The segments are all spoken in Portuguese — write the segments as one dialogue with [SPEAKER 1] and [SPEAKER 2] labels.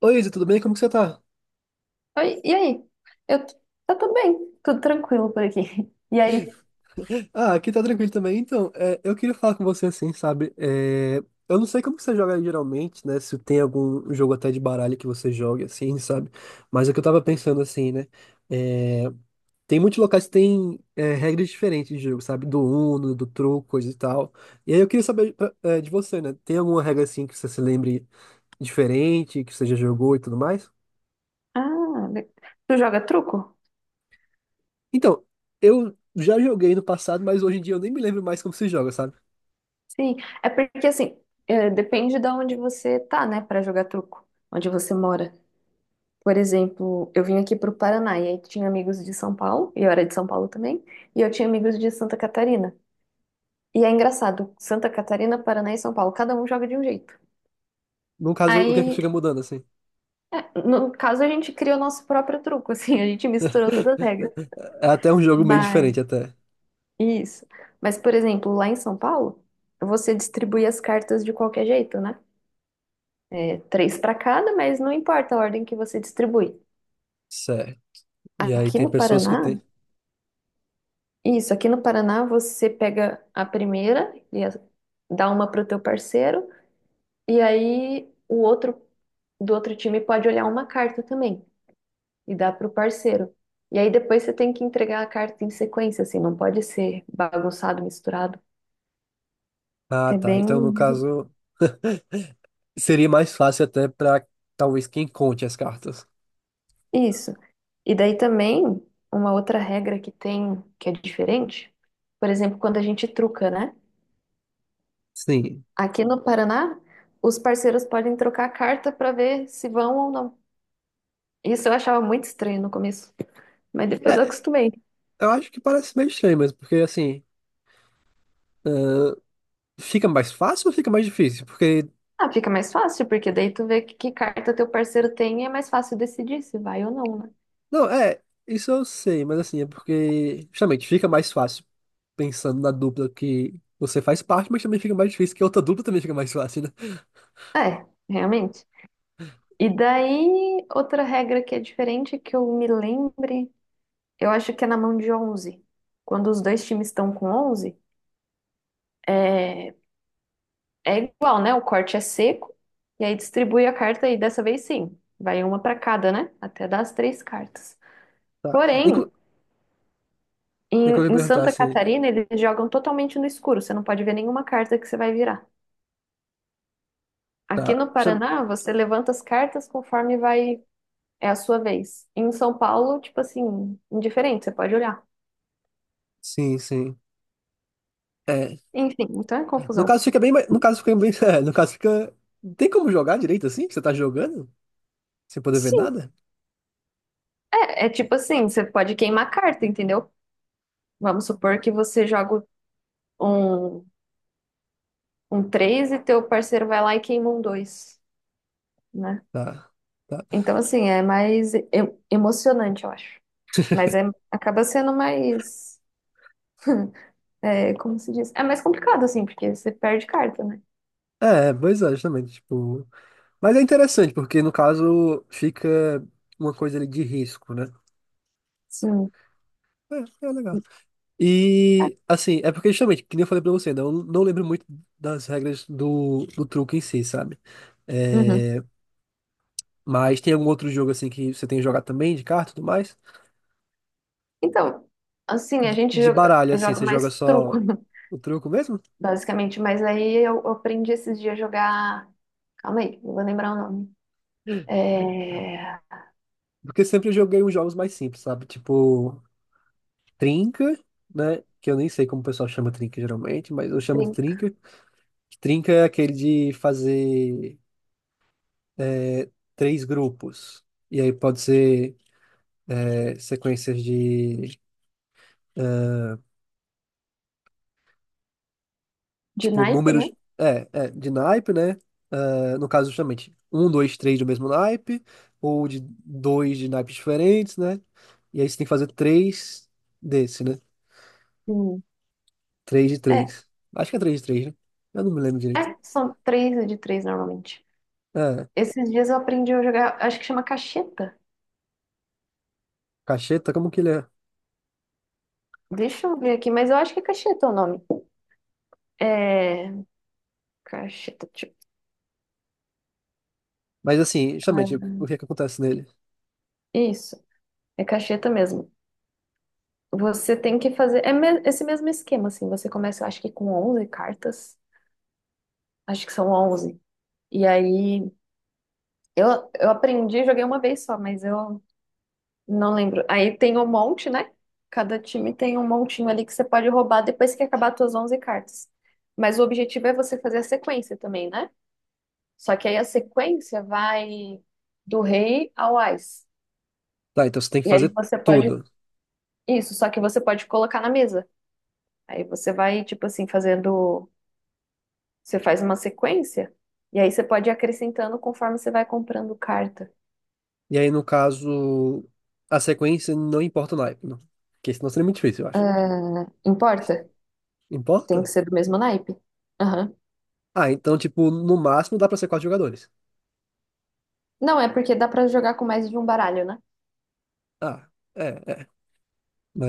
[SPEAKER 1] Oi, Isa, tudo bem? Como que você tá?
[SPEAKER 2] Oi, e aí? Eu, eu tô bem, tudo tranquilo por aqui. E aí?
[SPEAKER 1] Ah, aqui tá tranquilo também. Então, é, eu queria falar com você assim, sabe? É, eu não sei como que você joga geralmente, né? Se tem algum jogo até de baralho que você joga, assim, sabe? Mas é que eu tava pensando assim, né? É, tem muitos locais que tem regras diferentes de jogo, sabe? Do Uno, do truco, coisa e tal. E aí eu queria saber de você, né? Tem alguma regra assim que você se lembre diferente, que você já jogou e tudo mais?
[SPEAKER 2] Ah, le- Tu joga truco?
[SPEAKER 1] Então, eu já joguei no passado, mas hoje em dia eu nem me lembro mais como se joga, sabe?
[SPEAKER 2] Sim, é porque assim, é, depende de onde você tá, né, pra jogar truco, onde você mora. Por exemplo, eu vim aqui pro Paraná e aí tinha amigos de São Paulo, e eu era de São Paulo também, e eu tinha amigos de Santa Catarina. E é engraçado, Santa Catarina, Paraná e São Paulo, cada um joga de um jeito.
[SPEAKER 1] No caso, o que é que
[SPEAKER 2] Aí,
[SPEAKER 1] fica mudando, assim?
[SPEAKER 2] é, no caso, a gente criou nosso próprio truco, assim, a gente misturou todas as regras.
[SPEAKER 1] É até um jogo meio
[SPEAKER 2] Mas.
[SPEAKER 1] diferente, até.
[SPEAKER 2] Isso. Mas, por exemplo, lá em São Paulo, você distribui as cartas de qualquer jeito, né? É, três para cada, mas não importa a ordem que você distribui.
[SPEAKER 1] Certo. E aí
[SPEAKER 2] Aqui
[SPEAKER 1] tem
[SPEAKER 2] no
[SPEAKER 1] pessoas que tem.
[SPEAKER 2] Paraná, isso, aqui no Paraná você pega a primeira dá uma pro teu parceiro, e aí o outro do outro time pode olhar uma carta também e dar pro parceiro. E aí depois você tem que entregar a carta em sequência, assim, não pode ser bagunçado, misturado.
[SPEAKER 1] Ah,
[SPEAKER 2] É
[SPEAKER 1] tá.
[SPEAKER 2] bem.
[SPEAKER 1] Então, no caso, seria mais fácil até pra talvez quem conte as cartas.
[SPEAKER 2] Isso. E daí também, uma outra regra que tem, que é diferente, por exemplo, quando a gente truca, né?
[SPEAKER 1] Sim.
[SPEAKER 2] Aqui no Paraná, os parceiros podem trocar a carta para ver se vão ou não. Isso eu achava muito estranho no começo, mas depois eu
[SPEAKER 1] É,
[SPEAKER 2] acostumei.
[SPEAKER 1] eu acho que parece meio estranho, mas porque assim, fica mais fácil ou fica mais difícil? Porque.
[SPEAKER 2] Ah, fica mais fácil, porque daí tu vê que carta teu parceiro tem e é mais fácil decidir se vai ou não, né?
[SPEAKER 1] Não, é, isso eu sei, mas assim, é porque justamente fica mais fácil pensando na dupla que você faz parte, mas também fica mais difícil que a outra dupla também fica mais fácil, né?
[SPEAKER 2] É, realmente. E daí, outra regra que é diferente, que eu me lembre, eu acho que é na mão de onze. Quando os dois times estão com onze, é, é igual, né? O corte é seco e aí distribui a carta e dessa vez sim, vai uma para cada, né? Até dar as três cartas.
[SPEAKER 1] Tá.
[SPEAKER 2] Porém,
[SPEAKER 1] Eu
[SPEAKER 2] em,
[SPEAKER 1] queria
[SPEAKER 2] em
[SPEAKER 1] perguntar
[SPEAKER 2] Santa
[SPEAKER 1] assim,
[SPEAKER 2] Catarina eles jogam totalmente no escuro, você não pode ver nenhuma carta que você vai virar. Aqui
[SPEAKER 1] tá.
[SPEAKER 2] no Paraná, você levanta as cartas conforme vai, é a sua vez. Em São Paulo, tipo assim, indiferente, você pode olhar.
[SPEAKER 1] Sim, sim. É.
[SPEAKER 2] Enfim, então é
[SPEAKER 1] No
[SPEAKER 2] confusão.
[SPEAKER 1] caso fica bem, no caso fica bem, no caso fica, não tem como jogar direito assim? Você tá jogando sem poder ver
[SPEAKER 2] Sim.
[SPEAKER 1] nada?
[SPEAKER 2] É, é tipo assim, você pode queimar carta, entendeu? Vamos supor que você joga um um 3 e teu parceiro vai lá e queima um 2, né?
[SPEAKER 1] Tá. Tá.
[SPEAKER 2] Então, assim, emocionante, eu acho. Mas é, acaba sendo mais, é, como se diz? É mais complicado, assim, porque você perde carta, né?
[SPEAKER 1] É, é, pois é, justamente, tipo, mas é interessante porque no caso fica uma coisa ali de risco, né?
[SPEAKER 2] Sim.
[SPEAKER 1] É, é legal. E assim, é porque justamente, que nem eu falei pra você, né? Eu não lembro muito das regras do truque em si, sabe?
[SPEAKER 2] Uhum.
[SPEAKER 1] É, mas tem algum outro jogo assim que você tem jogado também de carta e tudo mais?
[SPEAKER 2] Então, assim, a
[SPEAKER 1] de
[SPEAKER 2] gente
[SPEAKER 1] de
[SPEAKER 2] joga,
[SPEAKER 1] baralho, assim,
[SPEAKER 2] joga
[SPEAKER 1] você joga
[SPEAKER 2] mais truco,
[SPEAKER 1] só
[SPEAKER 2] né?
[SPEAKER 1] o truco mesmo?
[SPEAKER 2] Basicamente. Mas aí eu aprendi esses dias a jogar. Calma aí, não vou lembrar o nome. É...
[SPEAKER 1] Porque sempre eu joguei uns jogos mais simples, sabe? Tipo, trinca, né? Que eu nem sei como o pessoal chama trinca geralmente, mas eu chamo de
[SPEAKER 2] trin-
[SPEAKER 1] trinca. Trinca é aquele de fazer três grupos. E aí pode ser sequências de,
[SPEAKER 2] De
[SPEAKER 1] tipo,
[SPEAKER 2] naipe, né?
[SPEAKER 1] números. É, é, de naipe, né? Ah, no caso, justamente, um, dois, três do mesmo naipe, ou de dois de naipes diferentes, né? E aí você tem que fazer três desse, né?
[SPEAKER 2] Hum.
[SPEAKER 1] 3 de
[SPEAKER 2] É,
[SPEAKER 1] três Acho que é 3 de três, né? Eu não me lembro direito.
[SPEAKER 2] é, são três de três normalmente.
[SPEAKER 1] É,
[SPEAKER 2] Esses dias eu aprendi a jogar, acho que chama cacheta.
[SPEAKER 1] cacheta, como que ele é?
[SPEAKER 2] Deixa eu ver aqui, mas eu acho que é cacheta o nome. É. Cacheta, tipo.
[SPEAKER 1] Mas assim, justamente, o que é que acontece nele?
[SPEAKER 2] É, isso, é cacheta mesmo. Você tem que fazer. Esse mesmo esquema, assim. Você começa, acho que com 11 cartas. Acho que são 11. E aí, eu aprendi, joguei uma vez só, mas eu não lembro. Aí tem um monte, né? Cada time tem um montinho ali que você pode roubar depois que acabar as tuas 11 cartas. Mas o objetivo é você fazer a sequência também, né? Só que aí a sequência vai do rei ao ás.
[SPEAKER 1] Tá, então você tem que
[SPEAKER 2] E aí
[SPEAKER 1] fazer
[SPEAKER 2] você pode.
[SPEAKER 1] tudo.
[SPEAKER 2] Isso, só que você pode colocar na mesa. Aí você vai, tipo assim, fazendo. Você faz uma sequência. E aí você pode ir acrescentando conforme você vai comprando carta.
[SPEAKER 1] E aí, no caso, a sequência não importa o naipe, não. Porque senão seria muito difícil, eu acho.
[SPEAKER 2] Ah, importa?
[SPEAKER 1] Importa?
[SPEAKER 2] Tem que ser do mesmo naipe. Aham.
[SPEAKER 1] Ah, então, tipo, no máximo dá pra ser quatro jogadores.
[SPEAKER 2] Não, é porque dá pra jogar com mais de um baralho, né?
[SPEAKER 1] Ah, é, é.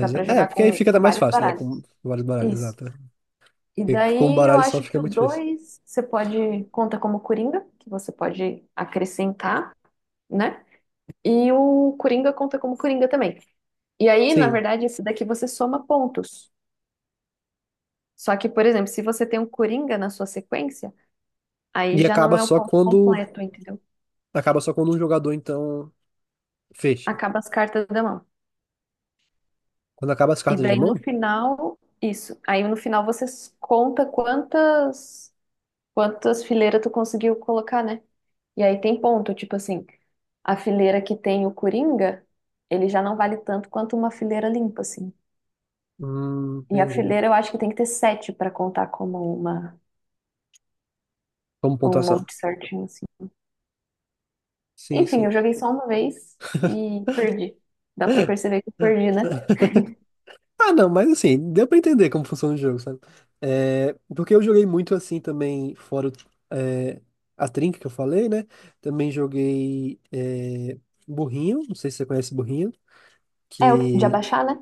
[SPEAKER 2] Dá
[SPEAKER 1] é,
[SPEAKER 2] pra
[SPEAKER 1] é,
[SPEAKER 2] jogar
[SPEAKER 1] porque aí fica até
[SPEAKER 2] com
[SPEAKER 1] mais
[SPEAKER 2] vários
[SPEAKER 1] fácil, né?
[SPEAKER 2] baralhos.
[SPEAKER 1] Com vários baralhos,
[SPEAKER 2] Isso.
[SPEAKER 1] exato. Né?
[SPEAKER 2] E
[SPEAKER 1] Porque com um
[SPEAKER 2] daí eu
[SPEAKER 1] baralho só
[SPEAKER 2] acho
[SPEAKER 1] fica
[SPEAKER 2] que o
[SPEAKER 1] muito difícil.
[SPEAKER 2] 2 você pode. Conta como coringa, que você pode acrescentar, né? E o Coringa conta como Coringa também. E aí, na
[SPEAKER 1] Sim.
[SPEAKER 2] verdade, esse daqui você soma pontos. Só que, por exemplo, se você tem um Coringa na sua sequência, aí
[SPEAKER 1] E
[SPEAKER 2] já
[SPEAKER 1] acaba
[SPEAKER 2] não é o
[SPEAKER 1] só
[SPEAKER 2] ponto
[SPEAKER 1] quando.
[SPEAKER 2] completo, entendeu?
[SPEAKER 1] Acaba só quando um jogador, então, fecha.
[SPEAKER 2] Acaba as cartas da mão.
[SPEAKER 1] Quando acaba as
[SPEAKER 2] E
[SPEAKER 1] cartas na
[SPEAKER 2] daí no
[SPEAKER 1] mão?
[SPEAKER 2] final, isso. Aí no final você conta quantas fileiras tu conseguiu colocar, né? E aí tem ponto, tipo assim, a fileira que tem o Coringa, ele já não vale tanto quanto uma fileira limpa, assim. E a
[SPEAKER 1] Entendi.
[SPEAKER 2] fileira eu acho que tem que ter sete pra contar como uma,
[SPEAKER 1] Como
[SPEAKER 2] um
[SPEAKER 1] pontuação.
[SPEAKER 2] monte certinho, assim.
[SPEAKER 1] Sim,
[SPEAKER 2] Enfim,
[SPEAKER 1] sim.
[SPEAKER 2] eu joguei só uma vez e perdi. Dá pra perceber que eu perdi, né?
[SPEAKER 1] Ah, não, mas assim, deu pra entender como funciona o jogo, sabe? É, porque eu joguei muito assim também, fora a trinca que eu falei, né? Também joguei burrinho, não sei se você conhece burrinho,
[SPEAKER 2] É o de
[SPEAKER 1] que
[SPEAKER 2] abaixar, né?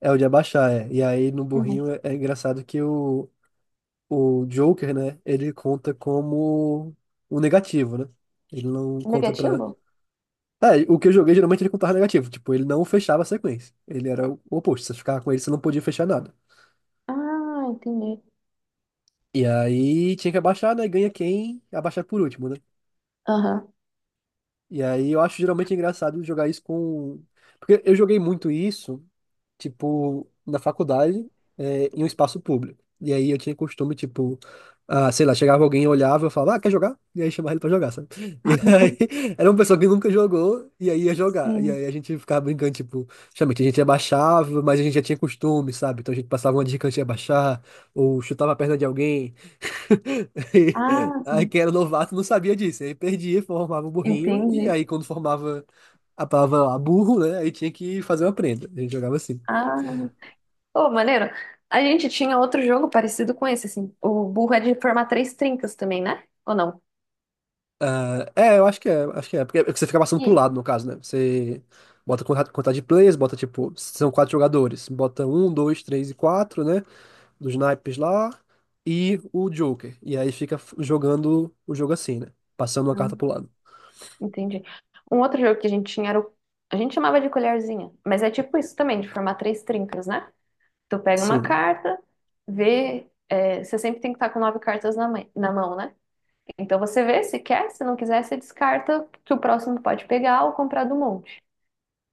[SPEAKER 1] é o de abaixar, é. E aí no
[SPEAKER 2] Uhum.
[SPEAKER 1] burrinho é engraçado que o Joker, né? Ele conta como um negativo, né? Ele não conta pra.
[SPEAKER 2] Negativo?
[SPEAKER 1] É, o que eu joguei geralmente ele contava negativo. Tipo, ele não fechava a sequência. Ele era o oposto. Se você ficava com ele, você não podia fechar nada.
[SPEAKER 2] Ah, entendi.
[SPEAKER 1] E aí tinha que abaixar, né? Ganha quem abaixar por último, né?
[SPEAKER 2] Aham.
[SPEAKER 1] E aí eu acho geralmente engraçado jogar isso com. Porque eu joguei muito isso, tipo, na faculdade, em um espaço público. E aí eu tinha costume, tipo, ah, sei lá, chegava alguém, olhava, eu falava, ah, quer jogar? E aí chamava ele pra jogar, sabe? E aí era uma pessoa que nunca jogou e aí ia jogar. E
[SPEAKER 2] Sim.
[SPEAKER 1] aí a gente ficava brincando, tipo, justamente, a gente abaixava, mas a gente já tinha costume, sabe? Então a gente passava uma dica antes de abaixar, ou chutava a perna de alguém. Aí,
[SPEAKER 2] Ah,
[SPEAKER 1] aí,
[SPEAKER 2] sim.
[SPEAKER 1] quem era novato não sabia disso. Aí perdia, formava o burrinho, e
[SPEAKER 2] Entendi.
[SPEAKER 1] aí quando formava a palavra lá, burro, né? Aí tinha que fazer uma prenda. A gente jogava assim.
[SPEAKER 2] Ah. Pô, maneiro. A gente tinha outro jogo parecido com esse, assim. O burro é de formar três trincas também, né? Ou não?
[SPEAKER 1] Ah, é, eu acho que é, acho que é. Porque você fica passando pro
[SPEAKER 2] Ih.
[SPEAKER 1] lado, no caso, né? Você bota contagem de players, bota tipo, são quatro jogadores. Bota um, dois, três e quatro, né? Dos naipes lá, e o Joker. E aí fica jogando o jogo assim, né? Passando uma carta pro lado.
[SPEAKER 2] Entendi. Um outro jogo que a gente tinha era o... A gente chamava de colherzinha, mas é tipo isso também, de formar três trincas, né? Tu pega uma
[SPEAKER 1] Sim.
[SPEAKER 2] carta, vê... é, você sempre tem que estar com nove cartas na, na mão, né? Então você vê se quer, se não quiser, você descarta que o próximo pode pegar ou comprar do monte.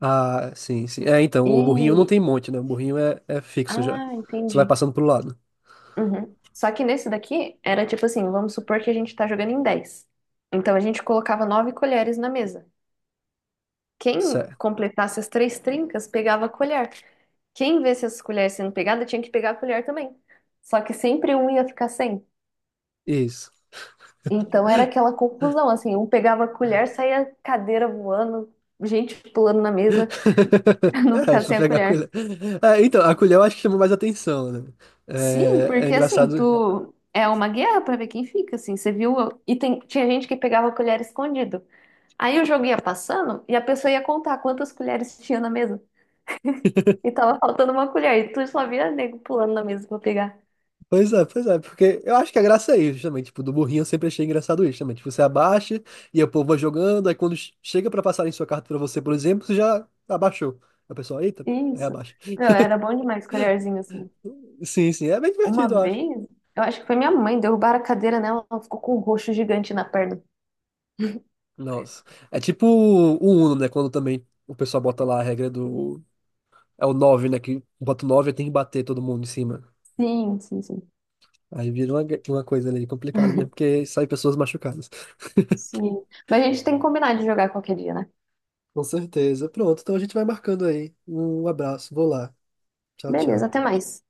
[SPEAKER 1] Ah, sim, sim. É, então, o burrinho não
[SPEAKER 2] E...
[SPEAKER 1] tem monte, né? O burrinho é fixo já.
[SPEAKER 2] Ah,
[SPEAKER 1] Você vai
[SPEAKER 2] entendi.
[SPEAKER 1] passando pro lado.
[SPEAKER 2] Uhum. Só que nesse daqui era tipo assim, vamos supor que a gente tá jogando em 10. Então a gente colocava nove colheres na mesa. Quem
[SPEAKER 1] Certo.
[SPEAKER 2] completasse as três trincas pegava a colher. Quem visse as colheres sendo pegadas tinha que pegar a colher também. Só que sempre um ia ficar sem.
[SPEAKER 1] Isso.
[SPEAKER 2] Então era aquela conclusão, assim, um pegava a colher, saía cadeira voando, gente pulando na mesa pra não
[SPEAKER 1] É,
[SPEAKER 2] ficar
[SPEAKER 1] pra
[SPEAKER 2] sem a
[SPEAKER 1] pegar a
[SPEAKER 2] colher.
[SPEAKER 1] colher. É, então, a colher eu acho que chama mais atenção, né?
[SPEAKER 2] Sim,
[SPEAKER 1] É
[SPEAKER 2] porque assim,
[SPEAKER 1] engraçado.
[SPEAKER 2] tu é uma guerra pra ver quem fica, assim, você viu? Tinha gente que pegava a colher escondido. Aí o jogo ia passando e a pessoa ia contar quantas colheres tinha na mesa. E tava faltando uma colher, e tu só via nego pulando na mesa pra pegar.
[SPEAKER 1] Pois é, porque eu acho que a graça é isso, justamente. Tipo, do burrinho eu sempre achei engraçado isso, justamente. Você abaixa e o povo vai jogando, aí quando chega pra passarem sua carta pra você, por exemplo, você já abaixou. A pessoa, eita, aí
[SPEAKER 2] Isso.
[SPEAKER 1] abaixa.
[SPEAKER 2] Meu, era bom demais colherzinho assim.
[SPEAKER 1] Sim, sim, é bem
[SPEAKER 2] Uma
[SPEAKER 1] divertido, eu acho.
[SPEAKER 2] vez, eu acho que foi minha mãe, derrubaram a cadeira nela, ela ficou com um roxo gigante na perna.
[SPEAKER 1] Nossa. É tipo o Uno, né? Quando também o pessoal bota lá a regra do. É o nove, né? Que bota o 9 e tem que bater todo mundo em cima.
[SPEAKER 2] Sim, sim, sim.
[SPEAKER 1] Aí vira uma coisa ali complicada mesmo, porque saem pessoas machucadas.
[SPEAKER 2] Sim. Mas a gente tem que combinar de jogar qualquer dia, né?
[SPEAKER 1] Com certeza. Pronto, então a gente vai marcando aí. Um abraço, vou lá. Tchau,
[SPEAKER 2] Beleza,
[SPEAKER 1] tchau.
[SPEAKER 2] até mais.